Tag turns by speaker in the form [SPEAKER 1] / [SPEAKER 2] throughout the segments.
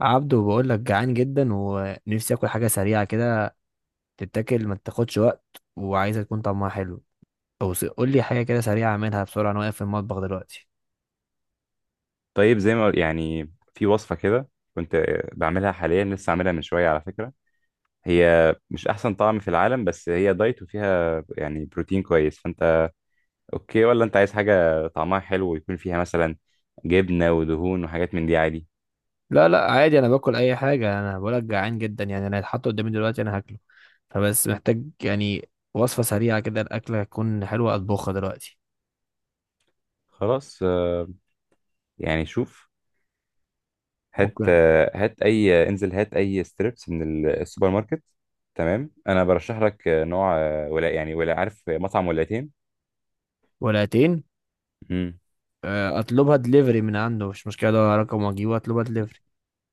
[SPEAKER 1] عبدو بقول لك جعان جدا ونفسي اكل حاجه سريعه كده، تتاكل ما تاخدش وقت، وعايزه تكون طعمها حلو. او قول لي حاجه كده سريعه اعملها بسرعه، انا واقف في المطبخ دلوقتي.
[SPEAKER 2] طيب زي ما يعني في وصفة كده. كنت بعملها حاليا لسه عاملها من شوية على فكرة. هي مش أحسن طعم في العالم بس هي دايت وفيها يعني بروتين كويس فأنت أوكي ولا أنت عايز حاجة طعمها حلو ويكون فيها مثلا جبنة ودهون وحاجات من دي عادي.
[SPEAKER 1] لا لا، عادي، انا باكل اي حاجه، انا بقول لك جعان جدا، يعني انا هيتحط قدامي دلوقتي انا هاكله، فبس محتاج يعني وصفه سريعه كده الاكله تكون حلوه اطبخها دلوقتي.
[SPEAKER 2] خلاص. يعني شوف. هات
[SPEAKER 1] ممكن.
[SPEAKER 2] هات أي انزل هات أي ستريبس من السوبر ماركت. تمام أنا برشح لك نوع ولا يعني ولا عارف مطعم ولاتين.
[SPEAKER 1] ولاتين. اطلبها دليفري من عنده، مش مشكله ده رقم واجيبه اطلبها دليفري.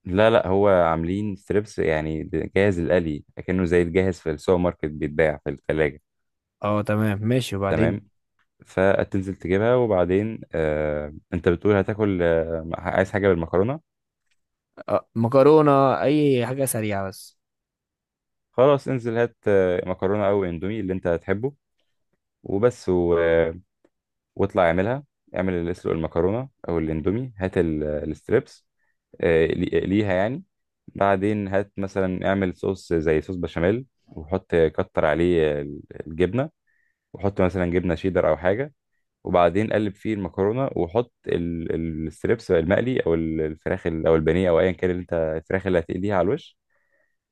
[SPEAKER 2] لا لا هو عاملين ستريبس يعني جاهز القلي اكنه زي الجاهز في السوبر ماركت بيتباع في الثلاجة.
[SPEAKER 1] اه تمام ماشي. وبعدين؟
[SPEAKER 2] تمام فتنزل تجيبها وبعدين انت بتقول هتاكل عايز حاجة بالمكرونة.
[SPEAKER 1] مكرونه، اي حاجه سريعه بس.
[SPEAKER 2] خلاص انزل هات مكرونة او اندومي اللي انت هتحبه وبس و... آه واطلع اعملها. اعمل اللي اسلق المكرونة او الاندومي هات الستريبس ليها يعني. بعدين هات مثلا اعمل صوص زي صوص بشاميل وحط كتر عليه الجبنة وحط مثلا جبنه شيدر او حاجه. وبعدين قلب فيه المكرونه وحط الستريبس المقلي او الفراخ او البانيه او ايا كان اللي انت الفراخ اللي هتقليها على الوش.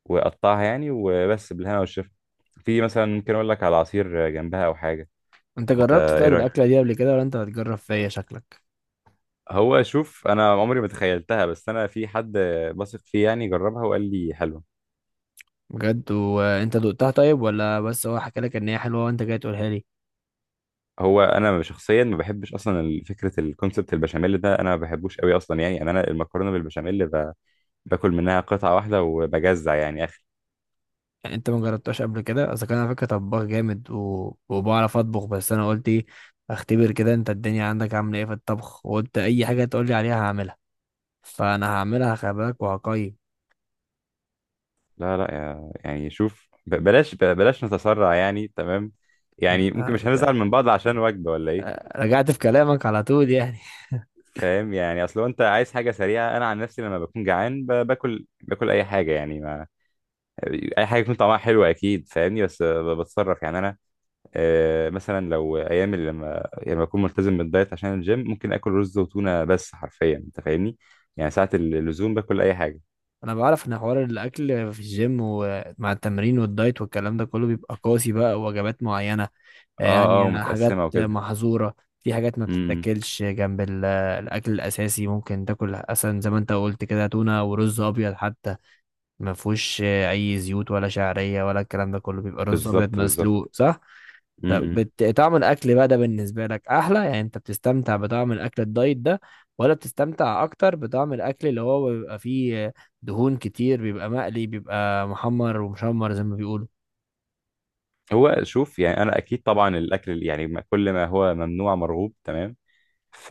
[SPEAKER 2] وقطعها يعني وبس بالهنا والشفا. في مثلا ممكن اقول لك على عصير جنبها او حاجه.
[SPEAKER 1] انت
[SPEAKER 2] انت
[SPEAKER 1] جربت
[SPEAKER 2] ايه
[SPEAKER 1] طيب
[SPEAKER 2] رايك؟
[SPEAKER 1] الاكله دي قبل كده ولا انت هتجرب فيا شكلك؟
[SPEAKER 2] هو شوف انا عمري ما تخيلتها بس انا في حد بثق فيه يعني جربها وقال لي حلوه.
[SPEAKER 1] بجد؟ وانت دقتها طيب ولا بس هو حكى لك ان هي حلوه وانت جاي تقولها لي؟
[SPEAKER 2] هو انا شخصيا ما بحبش اصلا فكره الكونسبت البشاميل ده انا ما بحبوش قوي اصلا يعني أنا المكرونه بالبشاميل باكل منها قطعة واحدة وبجزع يعني اخر.
[SPEAKER 1] يعني انت ما جربتهاش قبل كده؟ اصل كان على فكره طباخ جامد وبعرف اطبخ، بس انا قلت ايه، اختبر كده انت الدنيا عندك عامله ايه في الطبخ، وقلت اي حاجه تقول لي عليها هعملها. فانا هعملها، خلي بالك، وهقيم.
[SPEAKER 2] لا لا يعني شوف بلاش بلاش نتسرع يعني تمام. يعني ممكن مش هنزعل
[SPEAKER 1] انت-
[SPEAKER 2] من بعض عشان وجبة ولا ايه.
[SPEAKER 1] رجعت في كلامك على طول يعني.
[SPEAKER 2] فاهم يعني اصل هو انت عايز حاجة سريعة. انا عن نفسي لما بكون جعان باكل اي حاجة يعني ما اي حاجة يكون طعمها حلو اكيد فاهمني. بس بتصرف يعني انا. مثلا لو ايام اللي لما يعني لما اكون ملتزم بالدايت عشان الجيم ممكن اكل رز وتونة بس حرفيا انت فاهمني. يعني ساعة اللزوم باكل اي حاجة.
[SPEAKER 1] انا بعرف ان حوار الاكل في الجيم ومع التمرين والدايت والكلام ده كله بيبقى قاسي، بقى وجبات معينه،
[SPEAKER 2] اه اه
[SPEAKER 1] يعني حاجات
[SPEAKER 2] ومتقسمة وكده.
[SPEAKER 1] محظوره، في حاجات ما
[SPEAKER 2] امم.
[SPEAKER 1] بتتاكلش جنب الاكل الاساسي، ممكن تاكل اصلا زي ما انت قلت كده تونه ورز ابيض حتى. ما فيهوش اي زيوت ولا شعريه ولا الكلام ده كله، بيبقى رز ابيض
[SPEAKER 2] بالظبط
[SPEAKER 1] مسلوق
[SPEAKER 2] بالظبط.
[SPEAKER 1] صح؟
[SPEAKER 2] م-
[SPEAKER 1] طب
[SPEAKER 2] م.
[SPEAKER 1] طعم الاكل بقى ده بالنسبه لك احلى؟ يعني انت بتستمتع بطعم الاكل الدايت ده ولا بتستمتع اكتر بطعم الاكل اللي هو بيبقى فيه دهون كتير، بيبقى مقلي، بيبقى محمر ومشمر زي ما بيقولوا؟
[SPEAKER 2] هو شوف يعني انا اكيد طبعا الاكل يعني كل ما هو ممنوع مرغوب تمام. ف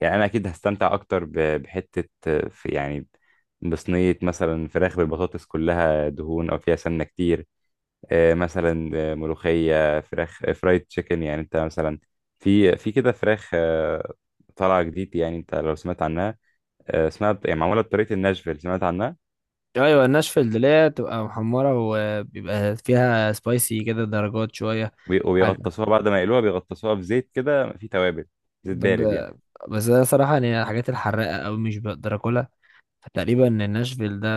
[SPEAKER 2] يعني انا اكيد هستمتع اكتر بحته في يعني. بصينيه مثلا فراخ بالبطاطس كلها دهون او فيها سمنه كتير. مثلا ملوخيه فراخ فرايد تشيكن يعني انت مثلا في كده فراخ. طالعه جديد يعني انت لو سمعت عنها. اسمها يعني معموله بطريقه الناشفيل سمعت عنها.
[SPEAKER 1] ايوه الناشفل اللي هي بتبقى محمره وبيبقى فيها سبايسي كده درجات شويه. حاجه.
[SPEAKER 2] وبيغطسوها بعد ما يقلوها بيغطسوها في زيت كده فيه توابل. زيت
[SPEAKER 1] طب
[SPEAKER 2] بارد يعني.
[SPEAKER 1] بس انا صراحه يعني الحاجات الحراقه قوي مش بقدر اكلها، فتقريبا إن ناشفيل ده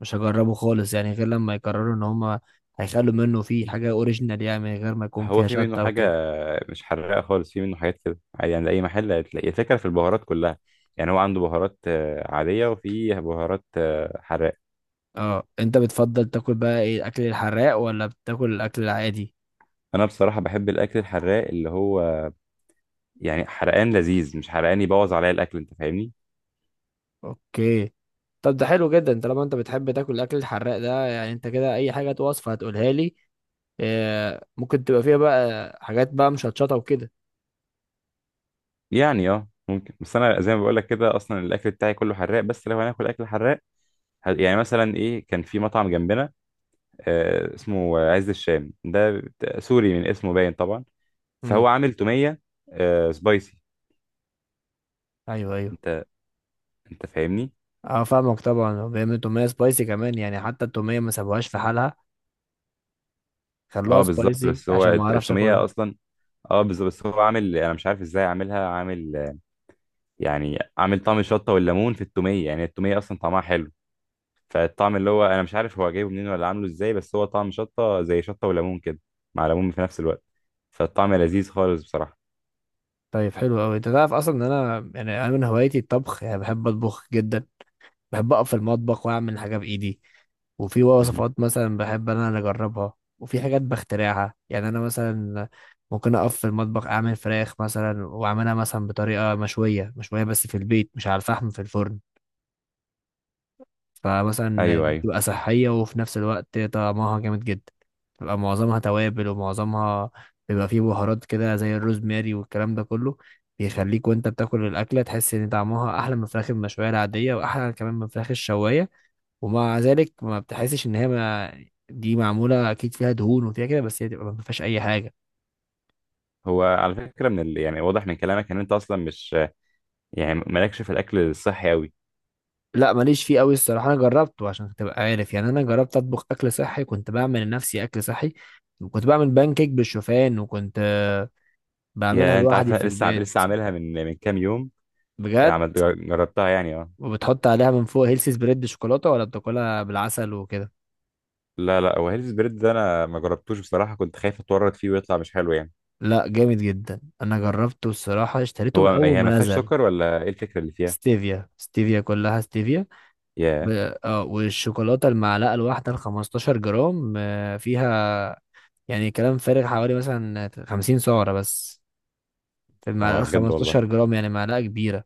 [SPEAKER 1] مش هجربه خالص، يعني غير لما يقرروا ان هما هيخلوا منه فيه حاجة اوريجينال يعني من غير ما يكون
[SPEAKER 2] هو
[SPEAKER 1] فيها
[SPEAKER 2] في منه
[SPEAKER 1] شطة
[SPEAKER 2] حاجة
[SPEAKER 1] وكده.
[SPEAKER 2] مش حراقة خالص. في منه حاجات كده عادي يعني أي محل هتلاقي الفكرة في البهارات كلها. يعني هو عنده بهارات عادية وفي بهارات حراقة.
[SPEAKER 1] اه انت بتفضل تاكل بقى ايه، الاكل الحراق ولا بتاكل الاكل العادي؟
[SPEAKER 2] أنا بصراحة بحب الأكل الحراق اللي هو يعني حرقان لذيذ مش حرقان يبوظ عليا الأكل أنت فاهمني.
[SPEAKER 1] اوكي. طب ده حلو جدا، انت لما انت بتحب تاكل الاكل الحراق ده، يعني انت كده اي حاجة وصفة هتقولها لي ممكن تبقى فيها بقى حاجات بقى مشطشطة وكده.
[SPEAKER 2] يعني ممكن بس أنا زي ما بقولك كده أصلا الأكل بتاعي كله حراق. بس لو هناكل أكل حراق يعني مثلا إيه كان في مطعم جنبنا اسمه عز الشام ده سوري من اسمه باين طبعا.
[SPEAKER 1] امم.
[SPEAKER 2] فهو عامل تومية سبايسي.
[SPEAKER 1] ايوه ايوه.
[SPEAKER 2] انت انت فاهمني.
[SPEAKER 1] اه فاهمك طبعا، وبيعملوا تومية سبايسي كمان، يعني حتى التومية ما سابوهاش في حالها، خلوها
[SPEAKER 2] اه بالظبط
[SPEAKER 1] سبايسي
[SPEAKER 2] بس هو
[SPEAKER 1] عشان ما اعرفش
[SPEAKER 2] التومية
[SPEAKER 1] اكلها.
[SPEAKER 2] اصلا. اه بالظبط بس هو عامل انا مش عارف ازاي عاملها عامل يعني عامل طعم الشطة والليمون في التومية. يعني التومية اصلا طعمها حلو. فالطعم اللي هو انا مش عارف هو جايبه منين ولا عامله ازاي بس هو طعم شطة زي شطة وليمون كده مع ليمون في نفس الوقت. فالطعم لذيذ خالص بصراحة.
[SPEAKER 1] طيب حلو قوي. انت تعرف اصلا ان انا، يعني انا من هوايتي الطبخ، يعني بحب اطبخ جدا، بحب اقف في المطبخ واعمل حاجه بايدي، وفي
[SPEAKER 2] مهم.
[SPEAKER 1] وصفات مثلا بحب انا اللي اجربها، وفي حاجات بخترعها. يعني انا مثلا ممكن اقف في المطبخ اعمل فراخ مثلا، واعملها مثلا بطريقه مشويه مشويه بس في البيت، مش على الفحم، في الفرن. فمثلا
[SPEAKER 2] ايوه ايوه.
[SPEAKER 1] بتبقى صحية، وفي نفس الوقت طعمها جامد جدا، بتبقى معظمها توابل، ومعظمها بيبقى فيه بهارات كده زي الروزماري والكلام ده كله، بيخليك وانت بتاكل الأكلة تحس ان طعمها أحلى من الفراخ المشوية العادية، وأحلى كمان من الفراخ الشواية. ومع ذلك ما بتحسش ان هي ما، دي معمولة أكيد فيها دهون وفيها كده، بس هي تبقى ما فيهاش أي حاجة.
[SPEAKER 2] هو على فكرة يعني واضح من كلامك ان انت اصلا مش يعني مالكش في الاكل الصحي قوي.
[SPEAKER 1] لا ماليش فيه قوي الصراحة. أنا جربته عشان تبقى عارف، يعني أنا جربت أطبخ أكل صحي، كنت بعمل لنفسي أكل صحي، وكنت بعمل بان كيك بالشوفان، وكنت بعملها
[SPEAKER 2] يا انت عارف
[SPEAKER 1] لوحدي
[SPEAKER 2] انا
[SPEAKER 1] في
[SPEAKER 2] لسه
[SPEAKER 1] البيت.
[SPEAKER 2] عاملها من كام يوم.
[SPEAKER 1] بجد.
[SPEAKER 2] عمل... جربتها يعني اه.
[SPEAKER 1] وبتحط عليها من فوق هيلثي سبريد شوكولاته ولا بتاكلها بالعسل وكده؟
[SPEAKER 2] لا لا هو هيلث بريد ده انا ما جربتوش بصراحه كنت خايف اتورط فيه ويطلع مش حلو يعني.
[SPEAKER 1] لا جامد جدا، انا جربته الصراحه اشتريته
[SPEAKER 2] هو
[SPEAKER 1] من اول
[SPEAKER 2] هي
[SPEAKER 1] ما
[SPEAKER 2] ما فيهاش
[SPEAKER 1] نزل.
[SPEAKER 2] سكر ولا ايه الفكره اللي فيها؟
[SPEAKER 1] ستيفيا، ستيفيا، كلها ستيفيا. ب...
[SPEAKER 2] يا
[SPEAKER 1] اه والشوكولاته المعلقه الواحده ال 15 جرام فيها يعني كلام فارغ حوالي مثلا 50 سعره بس، في
[SPEAKER 2] هو
[SPEAKER 1] المعلقه
[SPEAKER 2] بجد والله.
[SPEAKER 1] 15 جرام، يعني معلقه كبيره.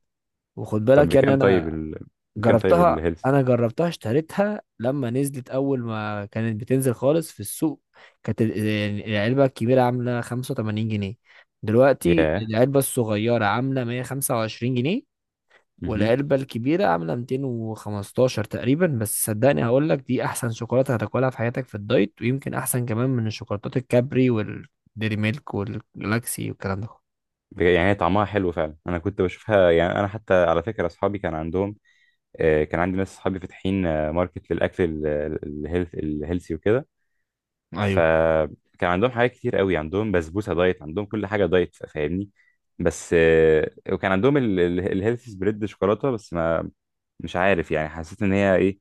[SPEAKER 1] وخد
[SPEAKER 2] طب
[SPEAKER 1] بالك يعني
[SPEAKER 2] بكام طيب
[SPEAKER 1] انا
[SPEAKER 2] بكام طيب
[SPEAKER 1] جربتها
[SPEAKER 2] الهيلث.
[SPEAKER 1] انا جربتها اشتريتها لما نزلت اول ما كانت بتنزل خالص في السوق. كانت يعني العلبه الكبيره عامله 85 جنيه، دلوقتي
[SPEAKER 2] يا.
[SPEAKER 1] العلبه الصغيره عامله 125 جنيه،
[SPEAKER 2] مهم.
[SPEAKER 1] والعلبه الكبيره عامله 215 تقريبا. بس صدقني هقول لك دي احسن شوكولاته هتاكلها في حياتك في الدايت، ويمكن احسن كمان من الشوكولاتات الكابري والديري ميلك والجلاكسي والكلام ده.
[SPEAKER 2] يعني هي طعمها حلو فعلا. انا كنت بشوفها يعني انا حتى على فكره اصحابي كان عندهم كان عندي ناس اصحابي فاتحين ماركت للاكل الهيلثي وكده.
[SPEAKER 1] ايوه،
[SPEAKER 2] فكان عندهم حاجات كتير قوي عندهم بسبوسه دايت عندهم كل حاجه دايت فاهمني. بس وكان عندهم الهيلثي سبريد شوكولاته بس ما مش عارف يعني حسيت ان هي ايه.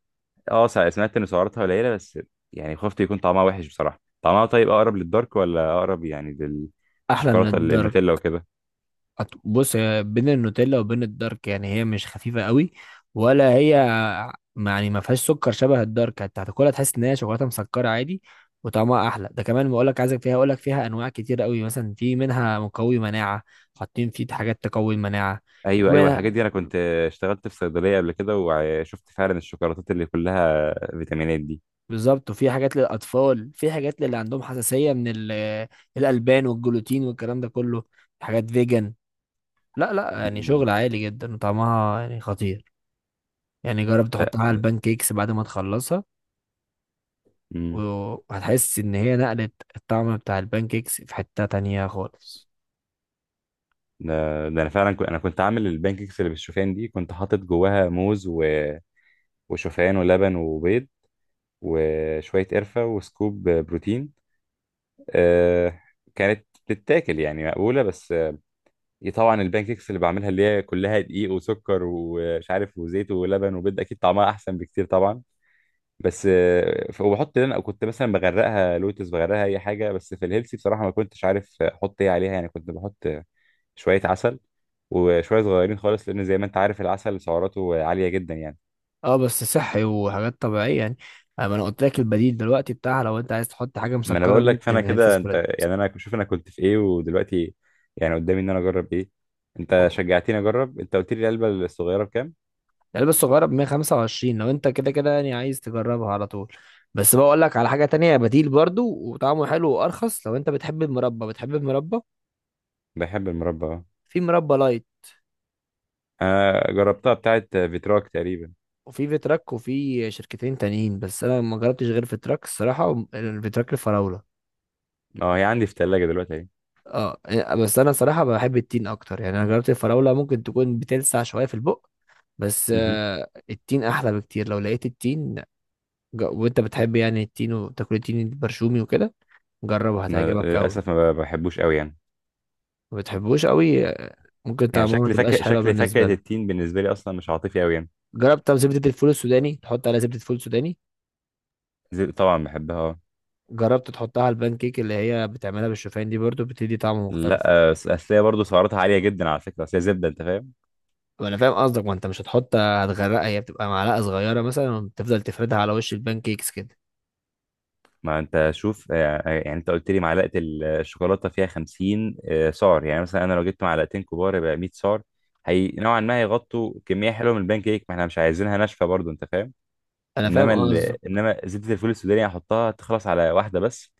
[SPEAKER 2] اه سمعت ان سعراتها قليله بس يعني خفت يكون طعمها وحش بصراحه. طعمها طيب اقرب للدارك ولا اقرب يعني
[SPEAKER 1] احلى من
[SPEAKER 2] للشوكولاته
[SPEAKER 1] الدارك.
[SPEAKER 2] النوتيلا وكده؟
[SPEAKER 1] بص هي بين النوتيلا وبين الدارك، يعني هي مش خفيفة قوي ولا هي، يعني ما فيهاش سكر شبه الدارك، انت هتاكلها تحس ان هي شوكولاتة مسكرة عادي، وطعمها احلى. ده كمان بقول لك عايزك فيها، اقول لك فيها انواع كتير قوي، مثلا في منها مقوي مناعة، حاطين فيه حاجات تقوي المناعة. في
[SPEAKER 2] ايوه ايوه الحاجات
[SPEAKER 1] منها.
[SPEAKER 2] دي انا كنت اشتغلت في صيدليه قبل كده وشفت فعلا الشوكولاتات اللي كلها فيتامينات دي.
[SPEAKER 1] بالظبط، وفي حاجات للاطفال، في حاجات للي عندهم حساسية من الالبان والجلوتين والكلام ده كله، حاجات فيجن. لا لا يعني
[SPEAKER 2] مم.
[SPEAKER 1] شغل عالي جدا، وطعمها يعني خطير. يعني جرب تحطها على البان كيكس بعد ما تخلصها،
[SPEAKER 2] لا
[SPEAKER 1] وهتحس ان هي نقلت الطعم بتاع البان كيكس في حتة تانية خالص.
[SPEAKER 2] ده ده انا فعلا كنت انا كنت عامل البانكيكس اللي بالشوفان دي كنت حاطط جواها موز وشوفان ولبن وبيض وشويه قرفه وسكوب بروتين. آه كانت بتتاكل يعني مقبوله بس. طبعا البانكيكس اللي بعملها اللي هي كلها دقيق وسكر ومش عارف وزيت ولبن وبيض اكيد طعمها احسن بكتير طبعا. بس وبحط لنا كنت مثلا بغرقها لوتس بغرقها اي حاجه. بس في الهيلثي بصراحه ما كنتش عارف احط ايه عليها يعني كنت بحط شوية عسل وشوية صغيرين خالص لأن زي ما أنت عارف العسل سعراته عالية جدا يعني.
[SPEAKER 1] اه بس صحي وحاجات طبيعية يعني، اما انا قلت لك البديل دلوقتي بتاعها، لو انت عايز تحط حاجة
[SPEAKER 2] ما أنا
[SPEAKER 1] مسكرة
[SPEAKER 2] بقول لك فأنا
[SPEAKER 1] ممكن هيلث
[SPEAKER 2] كده أنت
[SPEAKER 1] سبريد.
[SPEAKER 2] يعني أنا شوف أنا كنت في إيه ودلوقتي يعني قدامي إن أنا أجرب إيه. أنت شجعتني أجرب. أنت قلت لي العلبة الصغيرة بكام؟
[SPEAKER 1] العلبة الصغيرة ب 125، لو انت كده كده يعني عايز تجربها على طول. بس بقول لك على حاجة تانية بديل برضو وطعمه حلو وارخص، لو انت بتحب المربى. بتحب المربى؟
[SPEAKER 2] بحب المربى أه.
[SPEAKER 1] في مربى لايت،
[SPEAKER 2] أنا جربتها بتاعة فيتراك تقريبا.
[SPEAKER 1] وفي فيتراك، وفي شركتين تانيين، بس انا ما جربتش غير فيتراك الصراحه، وم- الفيتراك الفراوله.
[SPEAKER 2] أه هي عندي في التلاجة دلوقتي أهي.
[SPEAKER 1] اه بس انا صراحه بحب التين اكتر. يعني انا جربت الفراوله ممكن تكون بتلسع شويه في البق، بس
[SPEAKER 2] مهم.
[SPEAKER 1] التين احلى بكتير لو لقيت التين. وانت بتحب يعني التين وتاكل التين البرشومي وكده، جربه
[SPEAKER 2] أنا
[SPEAKER 1] هتعجبك قوي.
[SPEAKER 2] للأسف ما بحبوش أوي يعني.
[SPEAKER 1] ما بتحبوش قوي ممكن
[SPEAKER 2] يعني
[SPEAKER 1] طعمه ما تبقاش حلوه
[SPEAKER 2] شكل فاكهة
[SPEAKER 1] بالنسبه لك.
[SPEAKER 2] التين بالنسبة لي أصلا مش عاطفي أوي يعني.
[SPEAKER 1] جربت طب زبده الفول السوداني، تحط عليها زبده فول سوداني؟
[SPEAKER 2] طبعا بحبها أه.
[SPEAKER 1] جربت تحطها على البان كيك اللي هي بتعملها بالشوفان دي برضو، بتدي طعم مختلف.
[SPEAKER 2] لا أصل هي برضه سعراتها عالية جدا على فكرة أصل هي زبدة أنت فاهم؟
[SPEAKER 1] وانا فاهم قصدك، ما انت مش هتحط، هتغرقها، هي بتبقى معلقه صغيره مثلا وبتفضل تفردها على وش البان كيكس كده.
[SPEAKER 2] ما انت شوف يعني انت قلت لي معلقه الشوكولاته فيها 50 سعر يعني مثلا انا لو جبت معلقتين كبار يبقى 100 سعر. هي نوعا ما هيغطوا كميه حلوه من البان كيك ما احنا مش عايزينها ناشفه برضو انت فاهم.
[SPEAKER 1] انا فاهم
[SPEAKER 2] انما ال...
[SPEAKER 1] قصدك.
[SPEAKER 2] انما زبده الفول السوداني يعني هحطها تخلص على واحده بس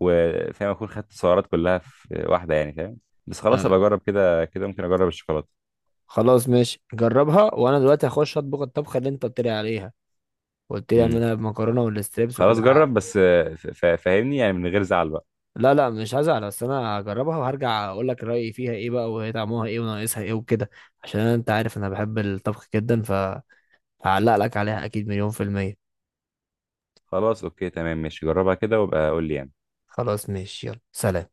[SPEAKER 2] وفاهم اكون خدت السعرات كلها في واحده يعني فاهم. بس خلاص ابقى
[SPEAKER 1] آه.
[SPEAKER 2] اجرب كده كده ممكن اجرب الشوكولاته.
[SPEAKER 1] خلاص ماشي جربها، وانا دلوقتي هخش اطبخ الطبخه اللي انت قلت لي عليها، قلت لي
[SPEAKER 2] امم.
[SPEAKER 1] اعملها بمكرونه والستريبس
[SPEAKER 2] خلاص
[SPEAKER 1] وكده.
[SPEAKER 2] جرب بس فاهمني يعني من غير زعل بقى.
[SPEAKER 1] لا لا مش هزعل، بس انا هجربها وهرجع اقول لك رايي فيها ايه بقى، وهي طعمها ايه وناقصها ايه وكده، عشان انت عارف انا بحب الطبخ جدا، فهعلق لك عليها اكيد مليون في الميه.
[SPEAKER 2] خلاص اوكي تمام ماشي جربها كده وابقى قول لي يعني.
[SPEAKER 1] خلاص ماشي يلا سلام.